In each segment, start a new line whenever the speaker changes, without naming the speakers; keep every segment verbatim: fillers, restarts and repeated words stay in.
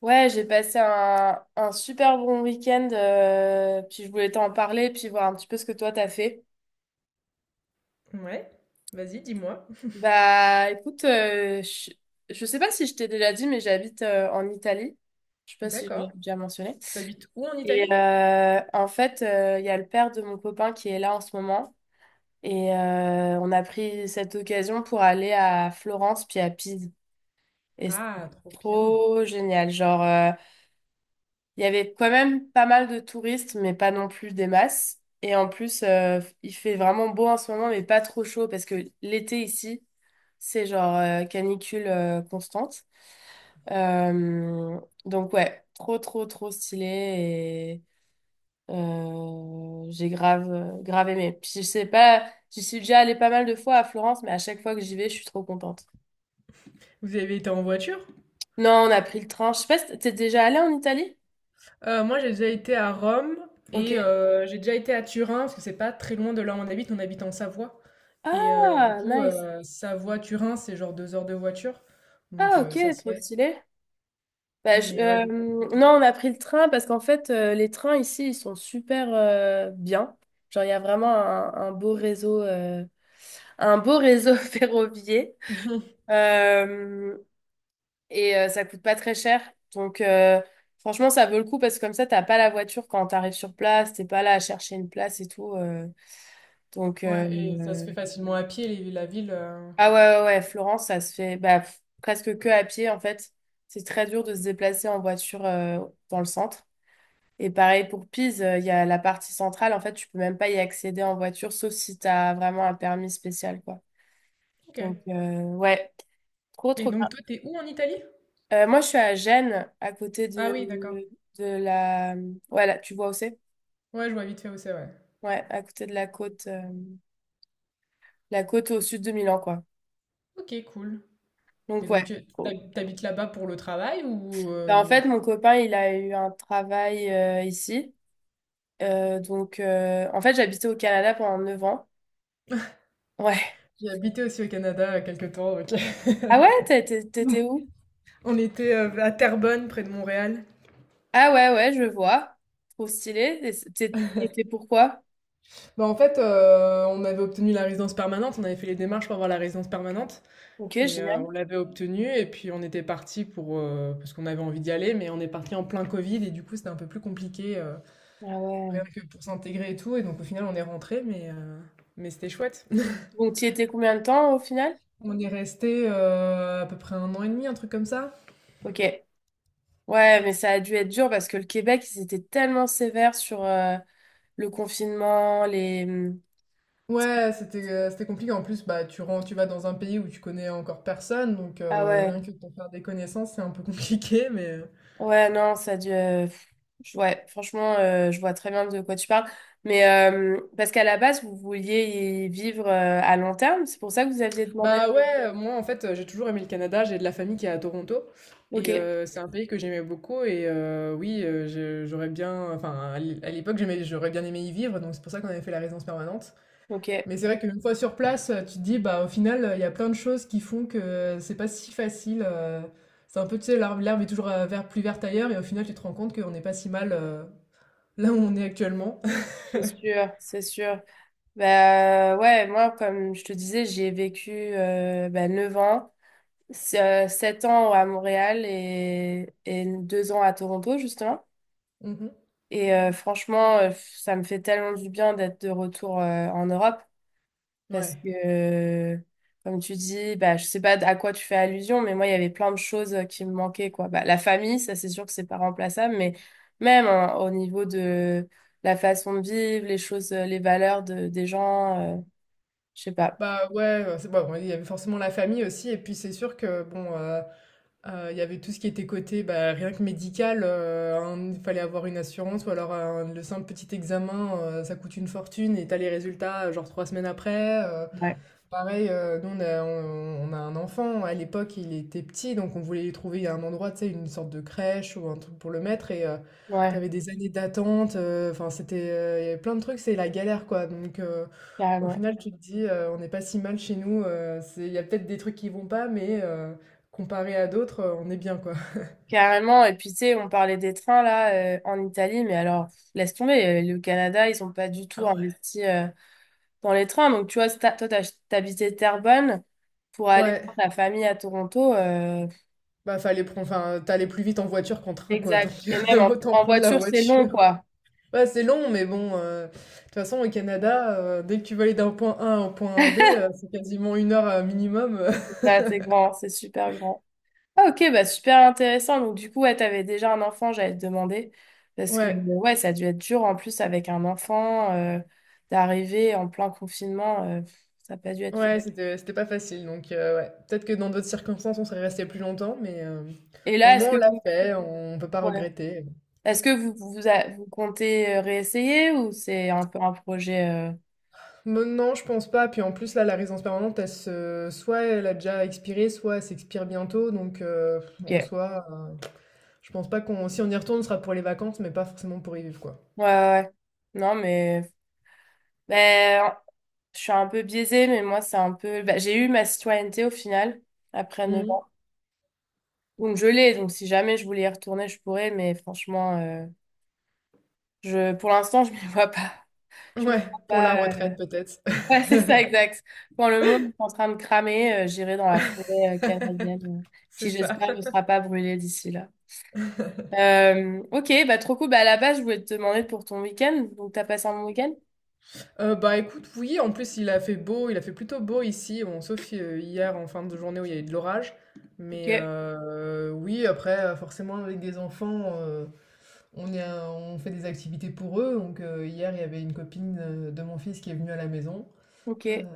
Ouais, j'ai passé un, un super bon week-end, euh, puis je voulais t'en parler, puis voir un petit peu ce que toi t'as fait.
Ouais, vas-y, dis-moi.
Bah écoute, euh, je, je sais pas si je t'ai déjà dit, mais j'habite euh, en Italie. Je sais pas si je l'ai
D'accord.
déjà mentionné.
T'habites où en
Et
Italie?
euh, en fait, euh, il y a le père de mon copain qui est là en ce moment, et euh, on a pris cette occasion pour aller à Florence puis à Pise. Et c'était
Ah, trop bien.
trop génial, genre. euh, Il y avait quand même pas mal de touristes, mais pas non plus des masses. Et en plus, euh, il fait vraiment beau en ce moment, mais pas trop chaud, parce que l'été ici, c'est genre euh, canicule euh, constante. Euh, donc ouais, trop, trop, trop stylé. Et euh, j'ai grave, euh, grave aimé. Puis je sais pas, j'y suis déjà allée pas mal de fois à Florence, mais à chaque fois que j'y vais, je suis trop contente.
Vous avez été en voiture?
Non, on a pris le train. Je sais pas, si t'es déjà allée en Italie?
Euh, moi, j'ai déjà été à Rome
Ok.
et euh, j'ai déjà été à Turin parce que c'est pas très loin de là où on habite. On habite en Savoie. Et euh, du
Ah,
coup,
nice.
euh, Savoie-Turin, c'est genre deux heures de voiture. Donc
Ah, ok,
euh, ça se
trop
fait.
stylé. Bah, je-
Mais ouais, du coup.
euh, non, on a pris le train parce qu'en fait, euh, les trains ici, ils sont super euh, bien. Genre, il y a vraiment un, un beau réseau, euh, un beau réseau ferroviaire.
euh,
Euh, et euh, ça coûte pas très cher. Donc, euh, franchement, ça vaut le coup parce que comme ça, t'as pas la voiture quand t'arrives sur place, t'es pas là à chercher une place et tout. euh. donc,
Ouais, et ça se
euh,
fait facilement à pied, les- la ville. euh,
ah ouais, ouais, ouais, Florence, ça se fait bah, pff, presque que à pied en fait. C'est très dur de se déplacer en voiture euh, dans le centre. Et pareil pour Pise, euh, il y a la partie centrale, en fait, tu peux même pas y accéder en voiture, sauf si tu as vraiment un permis spécial, quoi.
Ok.
Donc, euh, ouais, trop,
Et
trop bien.
donc toi, t'es où en Italie?
Euh, moi, je suis à Gênes, à côté
Ah
de,
oui, d'accord.
de la... Ouais, là, tu vois où c'est?
Ouais, je vois vite fait où c'est, ouais.
Ouais, à côté de la côte, euh, la côte au sud de Milan, quoi.
Ok, cool. Et
Donc, ouais.
donc, tu
Cool.
t'hab- t'habites là-bas pour le travail ou
Ben, en
euh,
fait, mon copain, il a eu un travail euh, ici. Euh, donc, euh, en fait, j'habitais au Canada pendant neuf ans. Ouais.
J'ai habité aussi au Canada euh, quelques temps, donc
Ah ouais, t'étais t'étais où?
on était euh, à Terrebonne, près de Montréal.
Ah ouais, ouais, je vois. Trop stylé. Et c'est- t'es- et pourquoi?
Bah, en fait, euh, on avait obtenu la résidence permanente. On avait fait les démarches pour avoir la résidence permanente.
Ok,
Et euh,
génial.
on l'avait obtenue. Et puis, on était parti pour... euh, parce qu'on avait envie d'y aller. Mais on est parti en plein Covid. Et du coup, c'était un peu plus compliqué, euh,
Ah
rien
ouais.
que pour s'intégrer et tout. Et donc, au final, on est rentré. Mais, euh, mais c'était chouette.
Donc, t'y étais combien de temps au final?
On est resté euh, à peu près un an et demi, un truc comme ça.
Ok. Ouais, mais ça a dû être dur parce que le Québec, ils étaient tellement sévères sur euh, le confinement, les... mmh,
Ouais, c'était, heu, c'était compliqué. En plus, bah, tu ren tu vas dans un pays où tu connais encore personne, donc
Ah
heu,
ouais.
rien que pour faire des connaissances, c'est un peu compliqué, mais euh.
Ouais, non, ça a dû... euh, pff, je- Ouais, franchement, euh, je vois très bien de quoi tu parles. Mais euh, parce qu'à la base, vous vouliez y vivre euh, à long terme, c'est pour ça que vous aviez demandé.
Bah, ouais, moi, en fait, j'ai toujours aimé le Canada. J'ai de la famille qui est à Toronto
Ok,
et heu, c'est un pays que j'aimais beaucoup et heu, oui, heu, je j'aurais bien enfin, à l'é à l'époque, j'aimais j'aurais bien aimé y vivre, donc c'est pour ça qu'on avait fait la résidence permanente.
ok,
Mais c'est vrai qu'une fois sur place, euh, tu te dis, bah, au final, euh, il y a plein de choses qui font que euh, c'est pas si facile. euh, C'est un peu, tu sais, l'herbe l'herbe est toujours euh, vert- plus verte ailleurs, et au final, tu te rends compte qu'on n'est pas si mal euh, là où on est actuellement.
c'est sûr, c'est sûr. Bah ouais, moi, comme je te disais, j'ai vécu euh, bah, neuf ans, s- euh, sept ans à Montréal et, et deux ans à Toronto, justement.
Mhm.
Et euh, franchement, euh, ça me fait tellement du bien d'être de retour euh, en Europe parce
Ouais.
que, euh, comme tu dis, bah, je sais pas à quoi tu fais allusion, mais moi, il y avait plein de choses euh, qui me manquaient, quoi. Bah, la famille, ça, c'est sûr que c'est pas remplaçable, mais même hein, au niveau de la façon de vivre, les choses, euh, les valeurs de, des gens, euh, je sais pas.
Bah ouais, euh, c'est bon, il y avait forcément la famille aussi, et puis c'est sûr que, bon, euh, euh, il y avait tout ce qui était côté, bah, rien que médical, euh, un- il fallait avoir une assurance, ou alors un- le simple petit examen, euh, ça coûte une fortune, et t'as les résultats, euh, genre trois semaines après. euh,
Ouais.
Pareil, euh, nous on a, on, on a un enfant, à l'époque il était petit, donc on voulait lui trouver un endroit, tu sais, une sorte de crèche ou un truc pour le mettre, et euh,
Ouais,
t'avais des années d'attente, euh, enfin c'était, euh, il y avait plein de trucs, c'est la galère quoi, donc euh, au
carrément.
final tu te dis, euh, on n'est pas si mal chez nous, euh, c'est, il y a peut-être des trucs qui vont pas, mais euh, comparé à d'autres, euh, on est bien quoi.
Carrément. Et puis, tu sais, on parlait des trains là euh, en Italie, mais alors, pff, laisse tomber. euh, Le Canada, ils ont pas du tout
Ah ouais.
investi euh, dans les trains. Donc, tu vois, si t'as- toi, t'as- t'habitais Terrebonne pour aller voir
Ouais,
ta famille à Toronto. Euh,
bah fallait prendre, enfin t'allais plus vite en voiture qu'en train quoi, donc
exact. Et même en,
autant
en
prendre la
voiture, c'est long,
voiture.
quoi.
Ouais, c'est long, mais bon, euh, de toute façon, au Canada, euh, dès que tu veux aller d'un point A à un point B, euh, c'est quasiment une heure euh, minimum. euh.
C'est assez grand, c'est super grand. Ah ok, bah super intéressant. Donc du coup, ouais, t'avais déjà un enfant, j'allais te demander. Parce que euh,
Ouais,
ouais, ça a dû être dur en plus avec un enfant, euh, d'arriver en plein confinement, euh, pff, ça n'a pas dû être fait.
ouais, c'était, c'était pas facile. Donc, euh, ouais, peut-être que dans d'autres circonstances, on serait resté plus longtemps, mais euh,
Et
au
là, est-ce
moins, on
que
l'a
vous,
fait, on peut pas
ouais.
regretter.
Est-ce que vous, vous, a- vous comptez euh, réessayer ou c'est un peu un projet euh,
Bon, non, je pense pas. Puis en plus, là, la résidence permanente, elle se... soit elle a déjà expiré, soit elle s'expire bientôt. Donc, euh,
Ok.
en
Ouais,
soi, euh, je pense pas qu'on... Si on y retourne, ce sera pour les vacances, mais pas forcément pour y vivre, quoi.
ouais. Ouais. Non, mais ben, je suis un peu biaisée, mais moi, c'est un peu... bah, j'ai eu ma citoyenneté au final, après neuf
Mhm.
ans. Donc je l'ai, donc si jamais je voulais y retourner, je pourrais, mais franchement... euh, Je, Pour l'instant, je ne me vois pas. Je me
Ouais,
vois
pour
pas.
la retraite,
euh,
peut-être.
Ouais, c'est ça, exact. Quand le monde est en train de cramer, euh, j'irai dans la forêt euh, canadienne, euh,
C'est
qui
ça.
j'espère ne sera pas brûlée d'ici là. Euh, ok, bah trop cool. Bah, à la base, je voulais te demander pour ton week-end. Donc, t'as passé un bon week-end?
Heu, bah, écoute, oui, en plus, il a fait beau, il a fait plutôt beau ici, bon, sauf, heu, hier en fin de journée où il y a eu de l'orage.
Ok,
Mais, heu, oui, après, heu, forcément, avec des enfants, heu, on est un on fait des activités pour eux, donc, heu, hier, il y avait une copine, heu, de mon fils qui est venue à la maison, heu,
ok,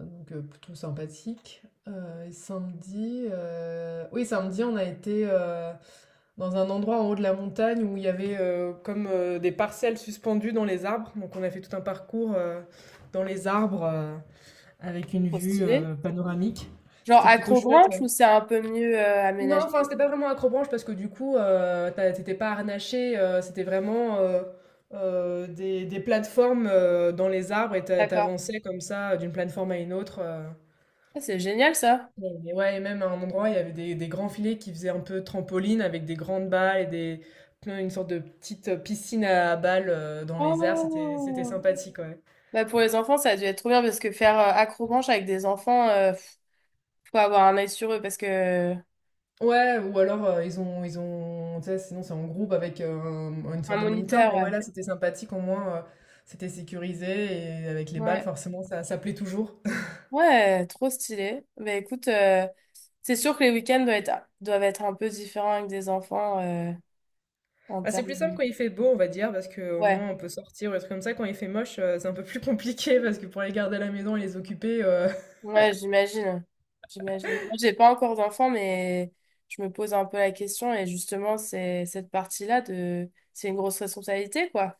donc, heu, plutôt sympathique. Heu, et samedi, heu, oui, samedi, on a été, heu dans un endroit en haut de la montagne où il y avait euh, comme euh, des parcelles suspendues dans les arbres. Donc on a fait tout un parcours euh, dans les arbres euh, avec une
trop
vue
stylé.
euh, panoramique.
Genre
C'était plutôt chouette.
accrobranche
Ouais.
ou c'est un peu mieux euh,
Non,
aménagé?
enfin c'était pas vraiment accrobranche parce que du coup euh, t'as- t'étais pas harnaché, euh, c'était vraiment euh, euh, des, des plateformes euh, dans les arbres et t'a-
D'accord.
t'avançais comme ça d'une plateforme à une autre. euh.
Ah, c'est génial ça.
Et ouais et même à un endroit, il y avait des des grands filets qui faisaient un peu trampoline avec des grandes balles et des plein une sorte de petite piscine à balles, heu, dans les airs, c'était c'était
Oh!
sympathique, ouais.
Bah, pour les enfants, ça a dû être trop bien parce que faire euh, accrobranche avec des enfants, euh, pff, faut avoir un œil sur eux parce que
Ouais ou alors, heu, ils ont ils ont tu sais, sinon c'est en groupe avec, hem, une
Un
sorte de moniteur,
moniteur,
mais ouais,
ouais.
là, c'était sympathique au moins, heu, c'était sécurisé et avec les balles
Ouais,
forcément ça ça plaît toujours.
ouais, trop stylé. Bah écoute, euh, c'est sûr que les week-ends doivent être, doivent être un peu différents avec des enfants euh, en
Bah, c'est
termes
plus simple
de...
quand il fait beau, on va dire, parce que au
Ouais,
moins on peut sortir ou des trucs comme ça. Quand il fait moche, heu, c'est un peu plus compliqué parce que pour les garder à la maison et les occuper, euh,
ouais, j'imagine. J'imagine. Moi, j'ai pas encore d'enfants, mais je me pose un peu la question et justement, c'est cette partie-là de... C'est une grosse responsabilité, quoi.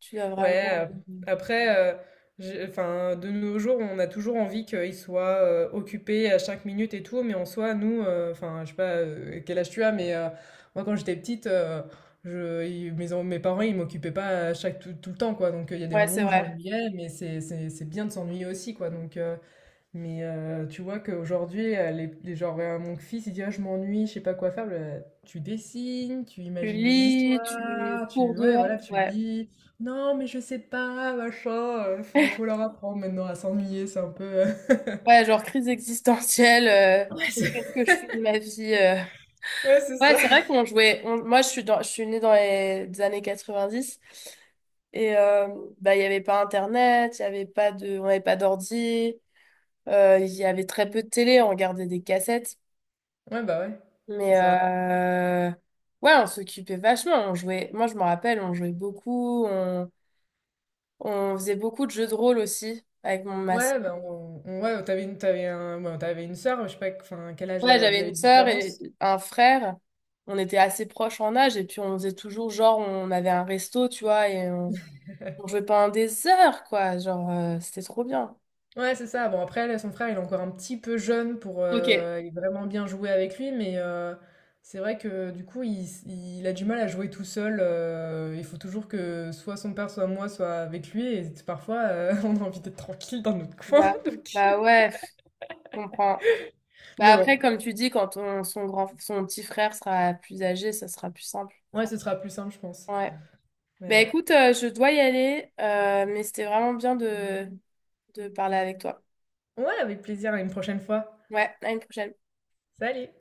Tu dois
Ouais,
vraiment...
ap-
euh,
après, euh, j'ai- enfin, de nos jours, on a toujours envie qu'ils soient euh, occupés à chaque minute et tout, mais en soi, nous, euh, enfin, je sais pas euh, quel âge tu as, mais euh, moi, quand j'étais petite, euh, je, ils- mes, en- mes parents, ils m'occupaient pas à chaque, tout, tout le temps, quoi. Donc, euh, il y a des
Ouais,
moments
c'est
où je
vrai.
m'ennuyais, mais c'est c'est- c'est bien de s'ennuyer aussi, quoi. Donc, euh, mais heu, tu vois qu'aujourd'hui, heu, les les genre, heu, mon fils, il dit: «Ah, je m'ennuie, je sais pas quoi faire». Bah, tu dessines, tu
Tu
imagines des
lis, tu
histoires,
cours
tu ouais,
dehors,
voilà, tu
ouais.
lis. «Non, mais je sais pas, machin», heu, faut faut leur apprendre maintenant à s'ennuyer, c'est un peu, heu
Ouais, genre crise existentielle euh,
Ouais,
sur
c'est
qu'est-ce que je fais de ma vie. euh.
ouais, c'est
Ouais,
ça.
c'est vrai qu'on jouait. on- moi, je suis, dans- je suis née dans les années quatre-vingt-dix et euh, bah, il n'y avait pas Internet, il y avait pas de, on n'avait pas d'ordi, euh, il y avait très peu de télé, on regardait des cassettes.
Ouais, bah, ouais, c'est
Mais
ça.
euh, ouais, on s'occupait vachement. On jouait, moi, je me rappelle, on jouait beaucoup, on, on faisait beaucoup de jeux de rôle aussi avec mon masque.
Ouais, bah, on on ouais, t'avais avais une tu un ouais, t'avais une sœur, je sais pas, enfin, quel âge,
Ouais,
heu, vous
j'avais
avez
une
de
sœur et
différence?
un frère. On était assez proches en âge et puis on faisait toujours genre, on avait un resto, tu vois, et on jouait pendant des heures, quoi. Genre, euh, c'était trop bien.
Ouais, c'est ça. Bon, après, là, son frère, il est encore un petit peu jeune pour
Ok.
euh, aller vraiment bien jouer avec lui, mais euh, c'est vrai que du coup, il, s- il a du mal à jouer tout seul. Euh, il faut toujours que soit son père, soit moi, soit avec lui, et parfois, euh, on a envie d'être tranquille dans notre coin.
Bah,
donc-
bah ouais, pff, je comprends. Bah
Mais bon,
après, comme tu dis, quand ton son grand, son petit frère sera plus âgé, ça sera plus simple.
ouais, ce sera plus simple, je pense.
Ouais. Bah
Mais
écoute, euh, je dois y aller, euh, mais c'était vraiment bien de, de parler avec toi.
ouais, avec plaisir, à une prochaine fois.
Ouais, à une prochaine.
Salut!